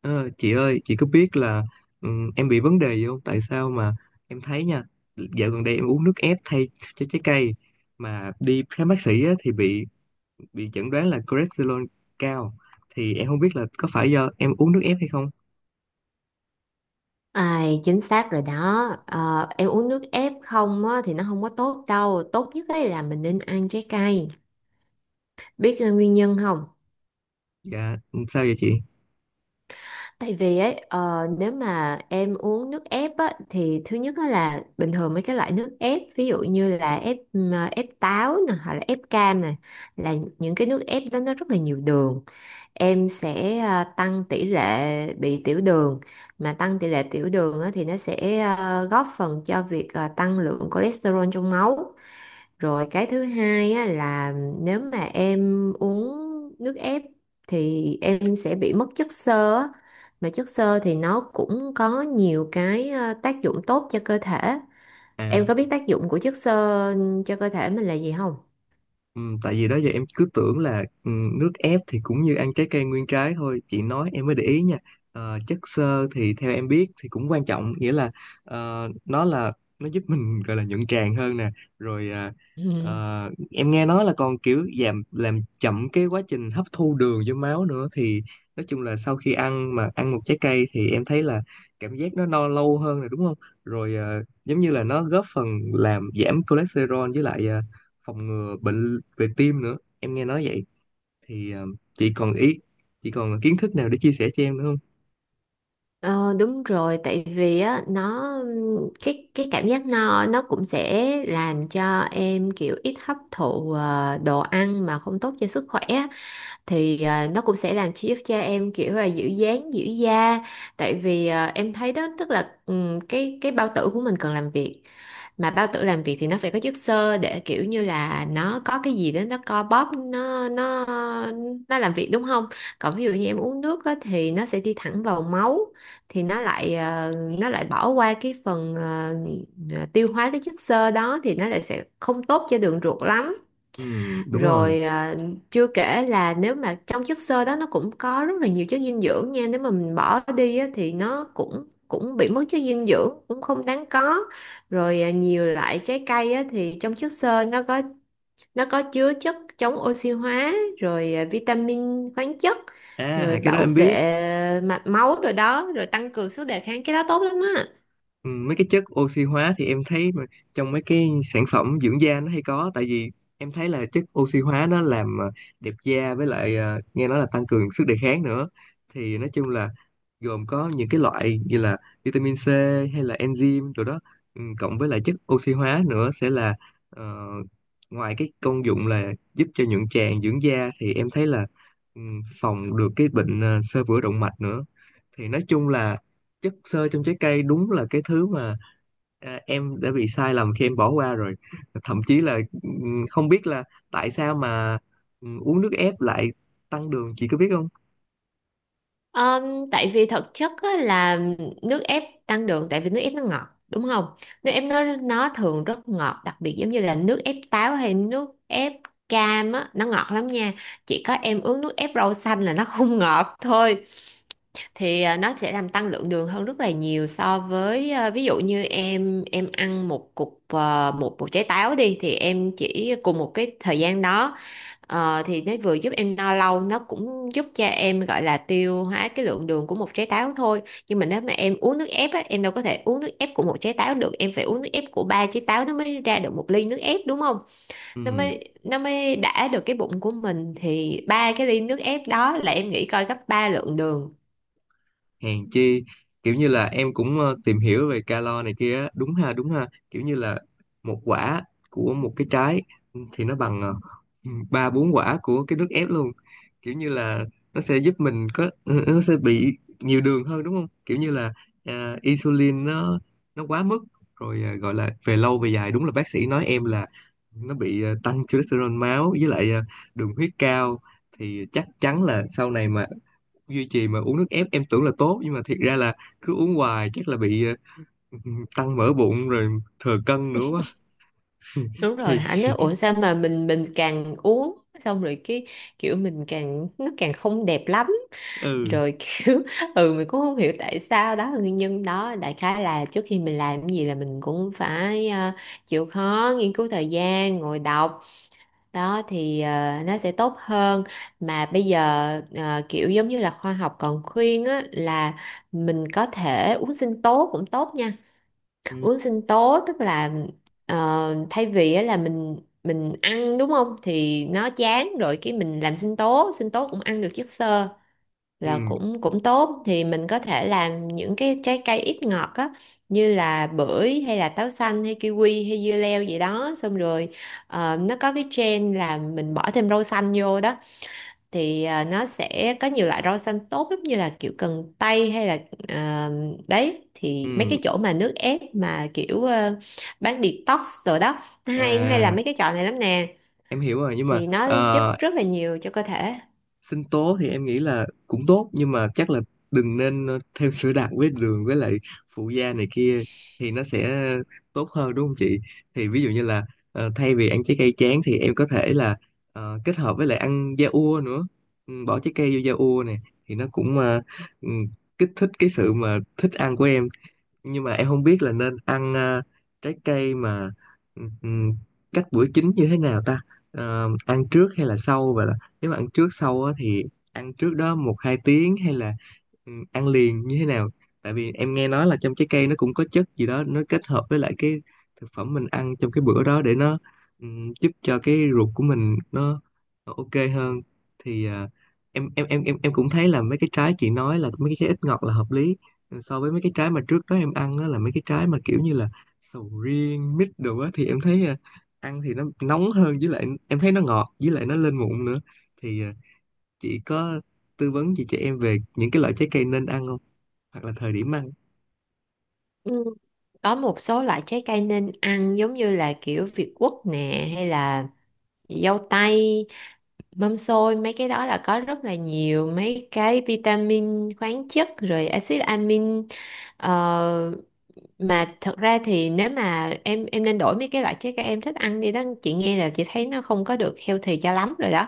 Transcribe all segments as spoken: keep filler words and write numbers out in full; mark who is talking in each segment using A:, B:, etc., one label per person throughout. A: Ờ, chị ơi, chị có biết là ừm, em bị vấn đề gì không? Tại sao mà em thấy nha, dạo gần đây em uống nước ép thay cho trái cây mà đi khám bác sĩ á, thì bị bị chẩn đoán là cholesterol cao. Thì em không biết là có phải do em uống nước ép hay không?
B: À, chính xác rồi đó. Ờ, em uống nước ép không á thì nó không có tốt đâu, tốt nhất ấy là mình nên ăn trái cây. Biết ờ, nguyên nhân không?
A: Dạ, ừ, sao vậy chị?
B: Tại vì ấy, ờ, nếu mà em uống nước ép á thì thứ nhất á là bình thường mấy cái loại nước ép, ví dụ như là ép ừm, ờ, ép táo nè, hoặc là ép cam nè, là những cái nước ép đó nó rất là nhiều đường. Em sẽ à, tăng tỷ lệ bị tiểu đường, mà tăng tỷ lệ tiểu đường á thì nó sẽ à, góp phần cho việc à, tăng lượng cholesterol trong máu. Rồi cái thứ hai á, là nếu mà em uống nước ép thì em sẽ bị mất chất xơ á. Mà chất xơ thì nó cũng có nhiều cái à, tác dụng tốt cho cơ thể.
A: À.
B: Em có biết tác dụng của chất xơ cho cơ thể mình là gì không?
A: Ừ, tại vì đó giờ em cứ tưởng là ừ, nước ép thì cũng như ăn trái cây nguyên trái thôi, chị nói em mới để ý nha. Ờ, chất xơ thì theo em biết thì cũng quan trọng, nghĩa là ờ, nó là nó giúp mình gọi là nhuận tràng hơn nè, rồi à,
B: Ừ.
A: ờ, em nghe nói là còn kiểu giảm, làm chậm cái quá trình hấp thu đường vô máu nữa. Thì nói chung là sau khi ăn, mà ăn một trái cây thì em thấy là cảm giác nó no lâu hơn, rồi đúng không, rồi ờ, giống như là nó góp phần làm giảm cholesterol, với lại ờ, phòng ngừa bệnh về tim nữa, em nghe nói vậy. Thì ờ, chị còn ý chị còn kiến thức nào để chia sẻ cho em nữa không?
B: Ờ, đúng rồi, tại vì á nó, cái cái cảm giác no nó cũng sẽ làm cho em kiểu ít hấp thụ ờ, đồ ăn mà không tốt cho sức khỏe á. Thì ờ, nó cũng sẽ làm chi- cho em kiểu là giữ dáng giữ da. Tại vì ờ, em thấy đó, tức là ừm, cái cái bao tử của mình cần làm việc, mà bao tử làm việc thì nó phải có chất xơ để kiểu như là nó có cái gì đó, nó co bóp, nó nó nó làm việc, đúng không? Còn ví dụ như em uống nước á thì nó sẽ đi thẳng vào máu, thì nó lại ờ, nó lại bỏ qua cái phần ờ, ờ, tiêu hóa cái chất xơ đó, thì nó lại sẽ không tốt cho đường ruột lắm.
A: Ừ, đúng rồi.
B: Rồi à, chưa kể là nếu mà trong chất xơ đó nó cũng có rất là nhiều chất dinh dưỡng nha. Nếu mà mình bỏ đi á thì nó cũng cũng bị mất chất dinh dưỡng, cũng không đáng có. Rồi à, nhiều loại trái cây á, thì trong chất xơ nó có, nó có chứa chất chống oxy hóa, rồi à, vitamin, khoáng chất, rồi
A: À, cái đó
B: bảo
A: em biết.
B: vệ mạch máu rồi đó, rồi tăng cường sức đề kháng, cái đó tốt lắm á.
A: Ừ, mấy cái chất oxy hóa thì em thấy mà trong mấy cái sản phẩm dưỡng da nó hay có, tại vì em thấy là chất oxy hóa nó làm ờ, đẹp da, với lại ờ, nghe nói là tăng cường sức đề kháng nữa. Thì nói chung là gồm có những cái loại như là vitamin C hay là enzyme rồi đó, ừ, cộng với lại chất oxy hóa nữa sẽ là ờ, ngoài cái công dụng là giúp cho nhuận tràng, dưỡng da thì em thấy là ừ, phòng được cái bệnh ờ, xơ vữa động mạch nữa. Thì nói chung là chất xơ trong trái cây đúng là cái thứ mà à, em đã bị sai lầm khi em bỏ qua rồi. Thậm chí là ừm, không biết là tại sao mà ừm, uống nước ép lại tăng đường, chị có biết không?
B: Ờm, tại vì thực chất á, là nước ép tăng đường tại vì nước ép nó ngọt, đúng không? Nước ép nó nó thường rất ngọt, đặc biệt giống như là nước ép táo hay nước ép cam á, nó ngọt lắm nha. Chỉ có em uống nước ép rau xanh là nó không ngọt thôi. Thì à, nó sẽ làm tăng lượng đường hơn rất là nhiều, so với à, ví dụ như em em ăn một cục, à, một một trái táo đi, thì em chỉ cùng một cái thời gian đó ờ, thì nó vừa giúp em no lâu, nó cũng giúp cho em gọi là tiêu hóa cái lượng đường của một trái táo thôi. Nhưng mà nếu mà em uống nước ép á, em đâu có thể uống nước ép của một trái táo được, em phải uống nước ép của ba trái táo nó mới ra được một ly nước ép, đúng không? nó
A: Ừ,
B: mới nó mới đã được cái bụng của mình, thì ba cái ly nước ép đó là em nghĩ coi, gấp ba lượng đường.
A: hèn chi. Kiểu như là em cũng ờ, tìm hiểu về calo này kia á. Đúng ha, đúng ha, kiểu như là một quả của một cái trái thì nó bằng ờ, ba bốn quả của cái nước ép luôn. Kiểu như là nó sẽ giúp mình có, nó sẽ bị nhiều đường hơn đúng không, kiểu như là à, insulin nó nó quá mức, rồi à, gọi là về lâu về dài đúng là bác sĩ nói em là nó bị à, tăng cholesterol máu, với lại à, đường huyết cao. Thì chắc chắn là sau này mà duy trì mà uống nước ép, em tưởng là tốt nhưng mà thiệt ra là cứ uống hoài chắc là bị ờ, tăng mỡ bụng rồi thừa cân nữa quá.
B: Đúng rồi,
A: Thì
B: anh nói ủa sao mà mình mình càng uống xong rồi cái kiểu mình càng, nó càng không đẹp lắm.
A: ừ.
B: Rồi kiểu ừ, mình cũng không hiểu tại sao, đó là nguyên nhân đó. Đại khái là trước khi mình làm cái gì là mình cũng phải ờ, chịu khó nghiên cứu, thời gian ngồi đọc đó thì ờ, nó sẽ tốt hơn. Mà bây giờ ờ, kiểu giống như là khoa học còn khuyên á, là mình có thể uống sinh tố cũng tốt nha.
A: ừ
B: Uống sinh tố tức là ờ, thay vì á là mình mình ăn, đúng không, thì nó chán rồi, cái mình làm sinh tố, sinh tố cũng ăn được chất xơ, là
A: ừ
B: cũng cũng tốt. Thì mình có thể làm những cái trái cây ít ngọt á, như là bưởi, hay là táo xanh, hay kiwi, hay dưa leo gì đó. Xong rồi ờ, nó có cái trend là mình bỏ thêm rau xanh vô đó, thì à, nó sẽ có nhiều loại rau xanh tốt lắm, như là kiểu cần tây, hay là à, đấy, thì mấy
A: ừ.
B: cái chỗ mà nước ép mà kiểu ờ, bán detox rồi đó, nó hay nó hay là
A: À,
B: mấy cái chợ này lắm nè,
A: em hiểu rồi, nhưng mà
B: thì nó giúp
A: ờ,
B: rất là nhiều cho cơ thể.
A: sinh tố thì em nghĩ là cũng tốt, nhưng mà chắc là đừng nên ờ, thêm sữa đặc với đường với lại phụ gia này kia, thì nó sẽ tốt hơn đúng không chị? Thì ví dụ như là ờ, thay vì ăn trái cây tráng thì em có thể là ờ, kết hợp với lại ăn da ua nữa. Ừ, bỏ trái cây vô da ua này thì nó cũng ờ, ừ, kích thích cái sự mà thích ăn của em. Nhưng mà em không biết là nên ăn ờ, trái cây mà ừm, cách bữa chính như thế nào ta. Ờ, ăn trước hay là sau vậy, là nếu mà ăn trước sau á, thì ăn trước đó một hai tiếng hay là ừm, ăn liền như thế nào? Tại vì em nghe nói là trong trái cây nó cũng có chất gì đó, nó kết hợp với lại cái thực phẩm mình ăn trong cái bữa đó để nó ừm, giúp cho cái ruột của mình nó, nó ok hơn. Thì ờ, em em em em em cũng thấy là mấy cái trái chị nói là mấy cái trái ít ngọt là hợp lý, so với mấy cái trái mà trước đó em ăn á là mấy cái trái mà kiểu như là sầu riêng, mít đồ á, thì em thấy à, ăn thì nó nóng hơn, với lại em thấy nó ngọt với lại nó lên mụn nữa. Thì à, chị có tư vấn gì cho em về những cái loại trái cây nên ăn không, hoặc là thời điểm ăn?
B: Ừ. Có một số loại trái cây nên ăn, giống như là kiểu việt quất nè, hay là dâu tây, mâm xôi, mấy cái đó là có rất là nhiều mấy cái vitamin, khoáng chất, rồi axit amin. Ờ, mà thật ra thì nếu mà em em nên đổi mấy cái loại trái cây em thích ăn đi đó, chị nghe là chị thấy nó không có được healthy cho lắm rồi đó.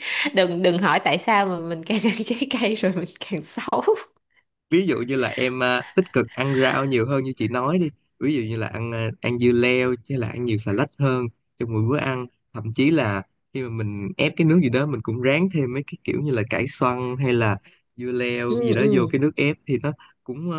B: đừng đừng hỏi tại sao mà mình càng ăn trái cây rồi mình càng xấu.
A: Ví dụ như là em à, tích cực ăn rau nhiều hơn như chị nói đi, ví dụ như là ăn à, ăn dưa leo, chứ là ăn nhiều xà lách hơn trong mỗi bữa ăn. Thậm chí là khi mà mình ép cái nước gì đó, mình cũng ráng thêm mấy cái kiểu như là cải xoăn hay là dưa leo gì
B: ừ
A: đó vô
B: ừ
A: cái nước ép, thì nó cũng à,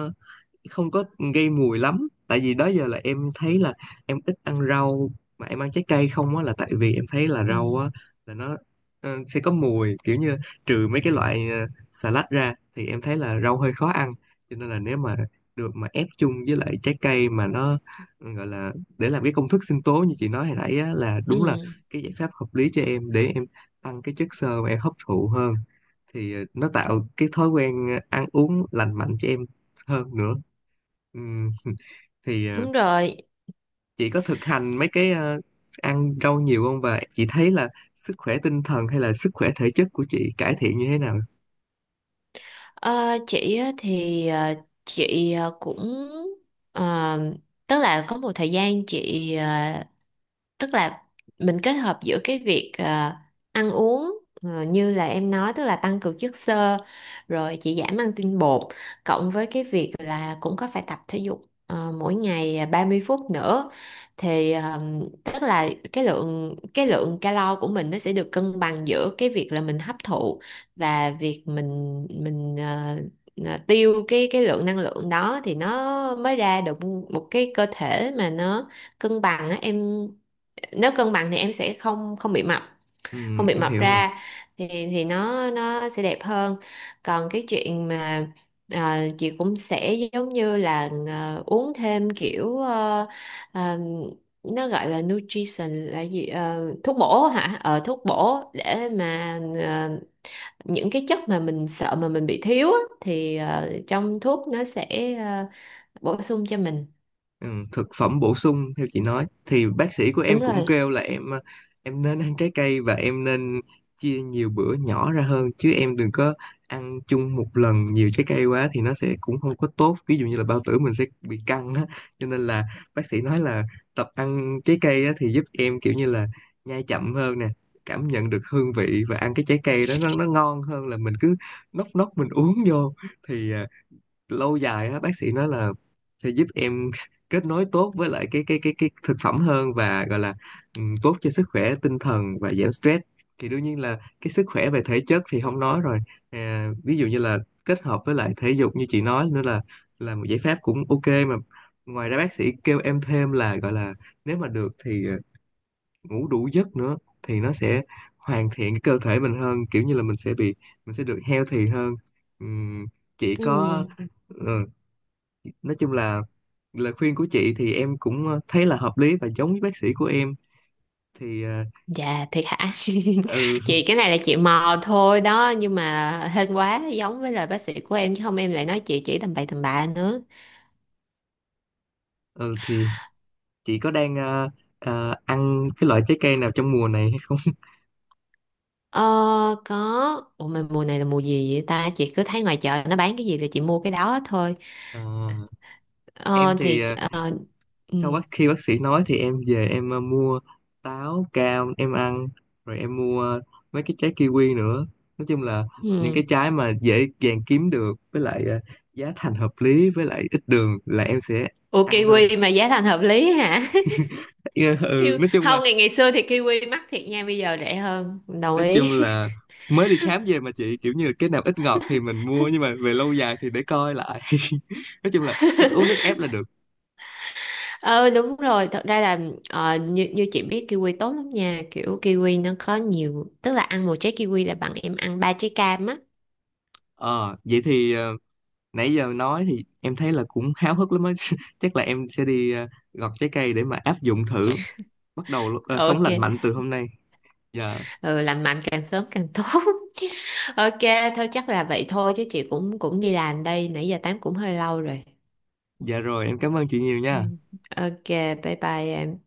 A: không có gây mùi lắm. Tại vì đó giờ là em thấy là em ít ăn rau mà em ăn trái cây không á, là tại vì em thấy là
B: ừ
A: rau á là nó ờ, sẽ có mùi, kiểu như trừ mấy cái loại ờ, salad ra thì em thấy là rau hơi khó ăn. Cho nên là nếu mà được mà ép chung với lại trái cây, mà nó ờ, gọi là để làm cái công thức sinh tố như chị nói hồi nãy á, là đúng là
B: ừ
A: cái giải pháp hợp lý cho em để em tăng cái chất xơ mà em hấp thụ hơn. Thì ờ, nó tạo cái thói quen ờ, ăn uống lành mạnh cho em hơn nữa. Ừm, thì ờ,
B: Đúng rồi.
A: chị có thực hành mấy cái ờ, ăn rau nhiều không, và chị thấy là sức khỏe tinh thần hay là sức khỏe thể chất của chị cải thiện như thế nào?
B: Ờ, chị á thì ờ, chị ờ, cũng ờ, tức là có một thời gian chị, tức là mình kết hợp giữa cái việc ờ, ăn uống ờ, như là em nói, tức là tăng cường chất xơ, rồi chỉ giảm ăn tinh bột, cộng với cái việc là cũng có phải tập thể dục ờ, mỗi ngày ba mươi phút nữa. Thì ờm, tức là cái lượng cái lượng calo của mình nó sẽ được cân bằng giữa cái việc là mình hấp thụ, và việc mình mình ờ, ờ, tiêu cái cái lượng năng lượng đó, thì nó mới ra được một cái cơ thể mà nó cân bằng á em. Nếu cân bằng thì em sẽ không không bị mập, không
A: Ừm,
B: bị
A: em
B: mập
A: hiểu rồi.
B: ra, thì thì nó nó sẽ đẹp hơn. Còn cái chuyện mà ờ, chị cũng sẽ giống như là ờ, uống thêm kiểu ờ, ờ, nó gọi là nutrition là gì. Ờ, thuốc bổ hả, ờ thuốc bổ, để mà ờ, những cái chất mà mình sợ mà mình bị thiếu á, thì ờ, trong thuốc nó sẽ ờ, bổ sung cho mình.
A: Ừ, thực phẩm bổ sung, theo chị nói thì bác sĩ của
B: Đúng
A: em cũng
B: rồi.
A: kêu là em ờ, em nên ăn trái cây, và em nên chia nhiều bữa nhỏ ra hơn, chứ em đừng có ăn chung một lần nhiều trái cây quá thì nó sẽ cũng không có tốt, ví dụ như là bao tử mình sẽ bị căng á. Cho nên là bác sĩ nói là tập ăn trái cây á, thì giúp em kiểu như là nhai chậm hơn nè, cảm nhận được hương vị và ăn cái trái cây đó nó nó ngon hơn là mình cứ nốc nốc mình uống vô. Thì à, lâu dài á, bác sĩ nói là sẽ giúp em kết nối tốt với lại cái cái cái cái thực phẩm hơn, và gọi là ừm, tốt cho sức khỏe tinh thần và giảm stress. Thì đương nhiên là cái sức khỏe về thể chất thì không nói rồi. À, ví dụ như là kết hợp với lại thể dục như chị nói nữa là là một giải pháp cũng ok mà. Ngoài ra bác sĩ kêu em thêm là gọi là nếu mà được thì ờ, ngủ đủ giấc nữa, thì nó sẽ hoàn thiện cái cơ thể mình hơn, kiểu như là mình sẽ bị, mình sẽ được healthy hơn. Ừm, chị có
B: Ừ.
A: ừ, nói chung là lời khuyên của chị thì em cũng ờ, thấy là hợp lý và giống với bác sĩ của em. Thì ờ,
B: Dạ thiệt hả?
A: ừ
B: Chị cái này là chị mò thôi đó, nhưng mà hên quá giống với lời bác sĩ của em, chứ không em lại nói chị chỉ tầm bậy tầm bạ nữa.
A: ừ, thì chị có đang ờ, ờ, ăn cái loại trái cây nào trong mùa này hay không?
B: Ờ có, ủa mà mùa này là mùa gì vậy ta? Chị cứ thấy ngoài chợ nó bán cái gì là chị mua cái đó thôi.
A: Ờ, em
B: Ờ
A: thì
B: thì
A: ờ,
B: ờ, ừ.
A: sau bác khi bác sĩ nói thì em về em ờ, mua táo, cam em ăn, rồi em mua ờ, mấy cái trái kiwi nữa. Nói chung là những cái
B: Ừ.
A: trái mà dễ dàng kiếm được, với lại ờ, giá thành hợp lý, với lại ít đường là em sẽ
B: Ủa
A: ăn thôi.
B: kiwi mà giá thành hợp lý hả?
A: Ừ,
B: Kiwi...
A: nói chung là
B: Không, ngày ngày xưa thì kiwi mắc thiệt nha, bây giờ rẻ hơn. Đồng
A: nói chung
B: ý.
A: là mới đi khám về, mà chị, kiểu như cái nào ít ngọt thì mình mua, nhưng mà về lâu dài thì để coi lại. Nói chung là ít uống nước ép là được.
B: Ờ đúng rồi, thật ra là ờ, như, như chị biết kiwi tốt lắm nha, kiểu kiwi nó có nhiều, tức là ăn một trái kiwi là bằng em ăn ba trái cam á.
A: Ờ vậy thì ờ, nãy giờ nói thì em thấy là cũng háo hức lắm á. Chắc là em sẽ đi ờ, gọt trái cây để mà áp dụng thử, bắt đầu ờ, sống
B: Ok.
A: lành mạnh từ hôm nay. Dạ
B: Ừ, lành mạnh càng sớm càng tốt. Ok, thôi chắc là vậy thôi, chứ chị cũng cũng đi làm đây, nãy giờ tám cũng hơi lâu rồi.
A: Dạ, rồi em cảm ơn chị nhiều
B: Ừ.
A: nha.
B: Ok, bye bye em.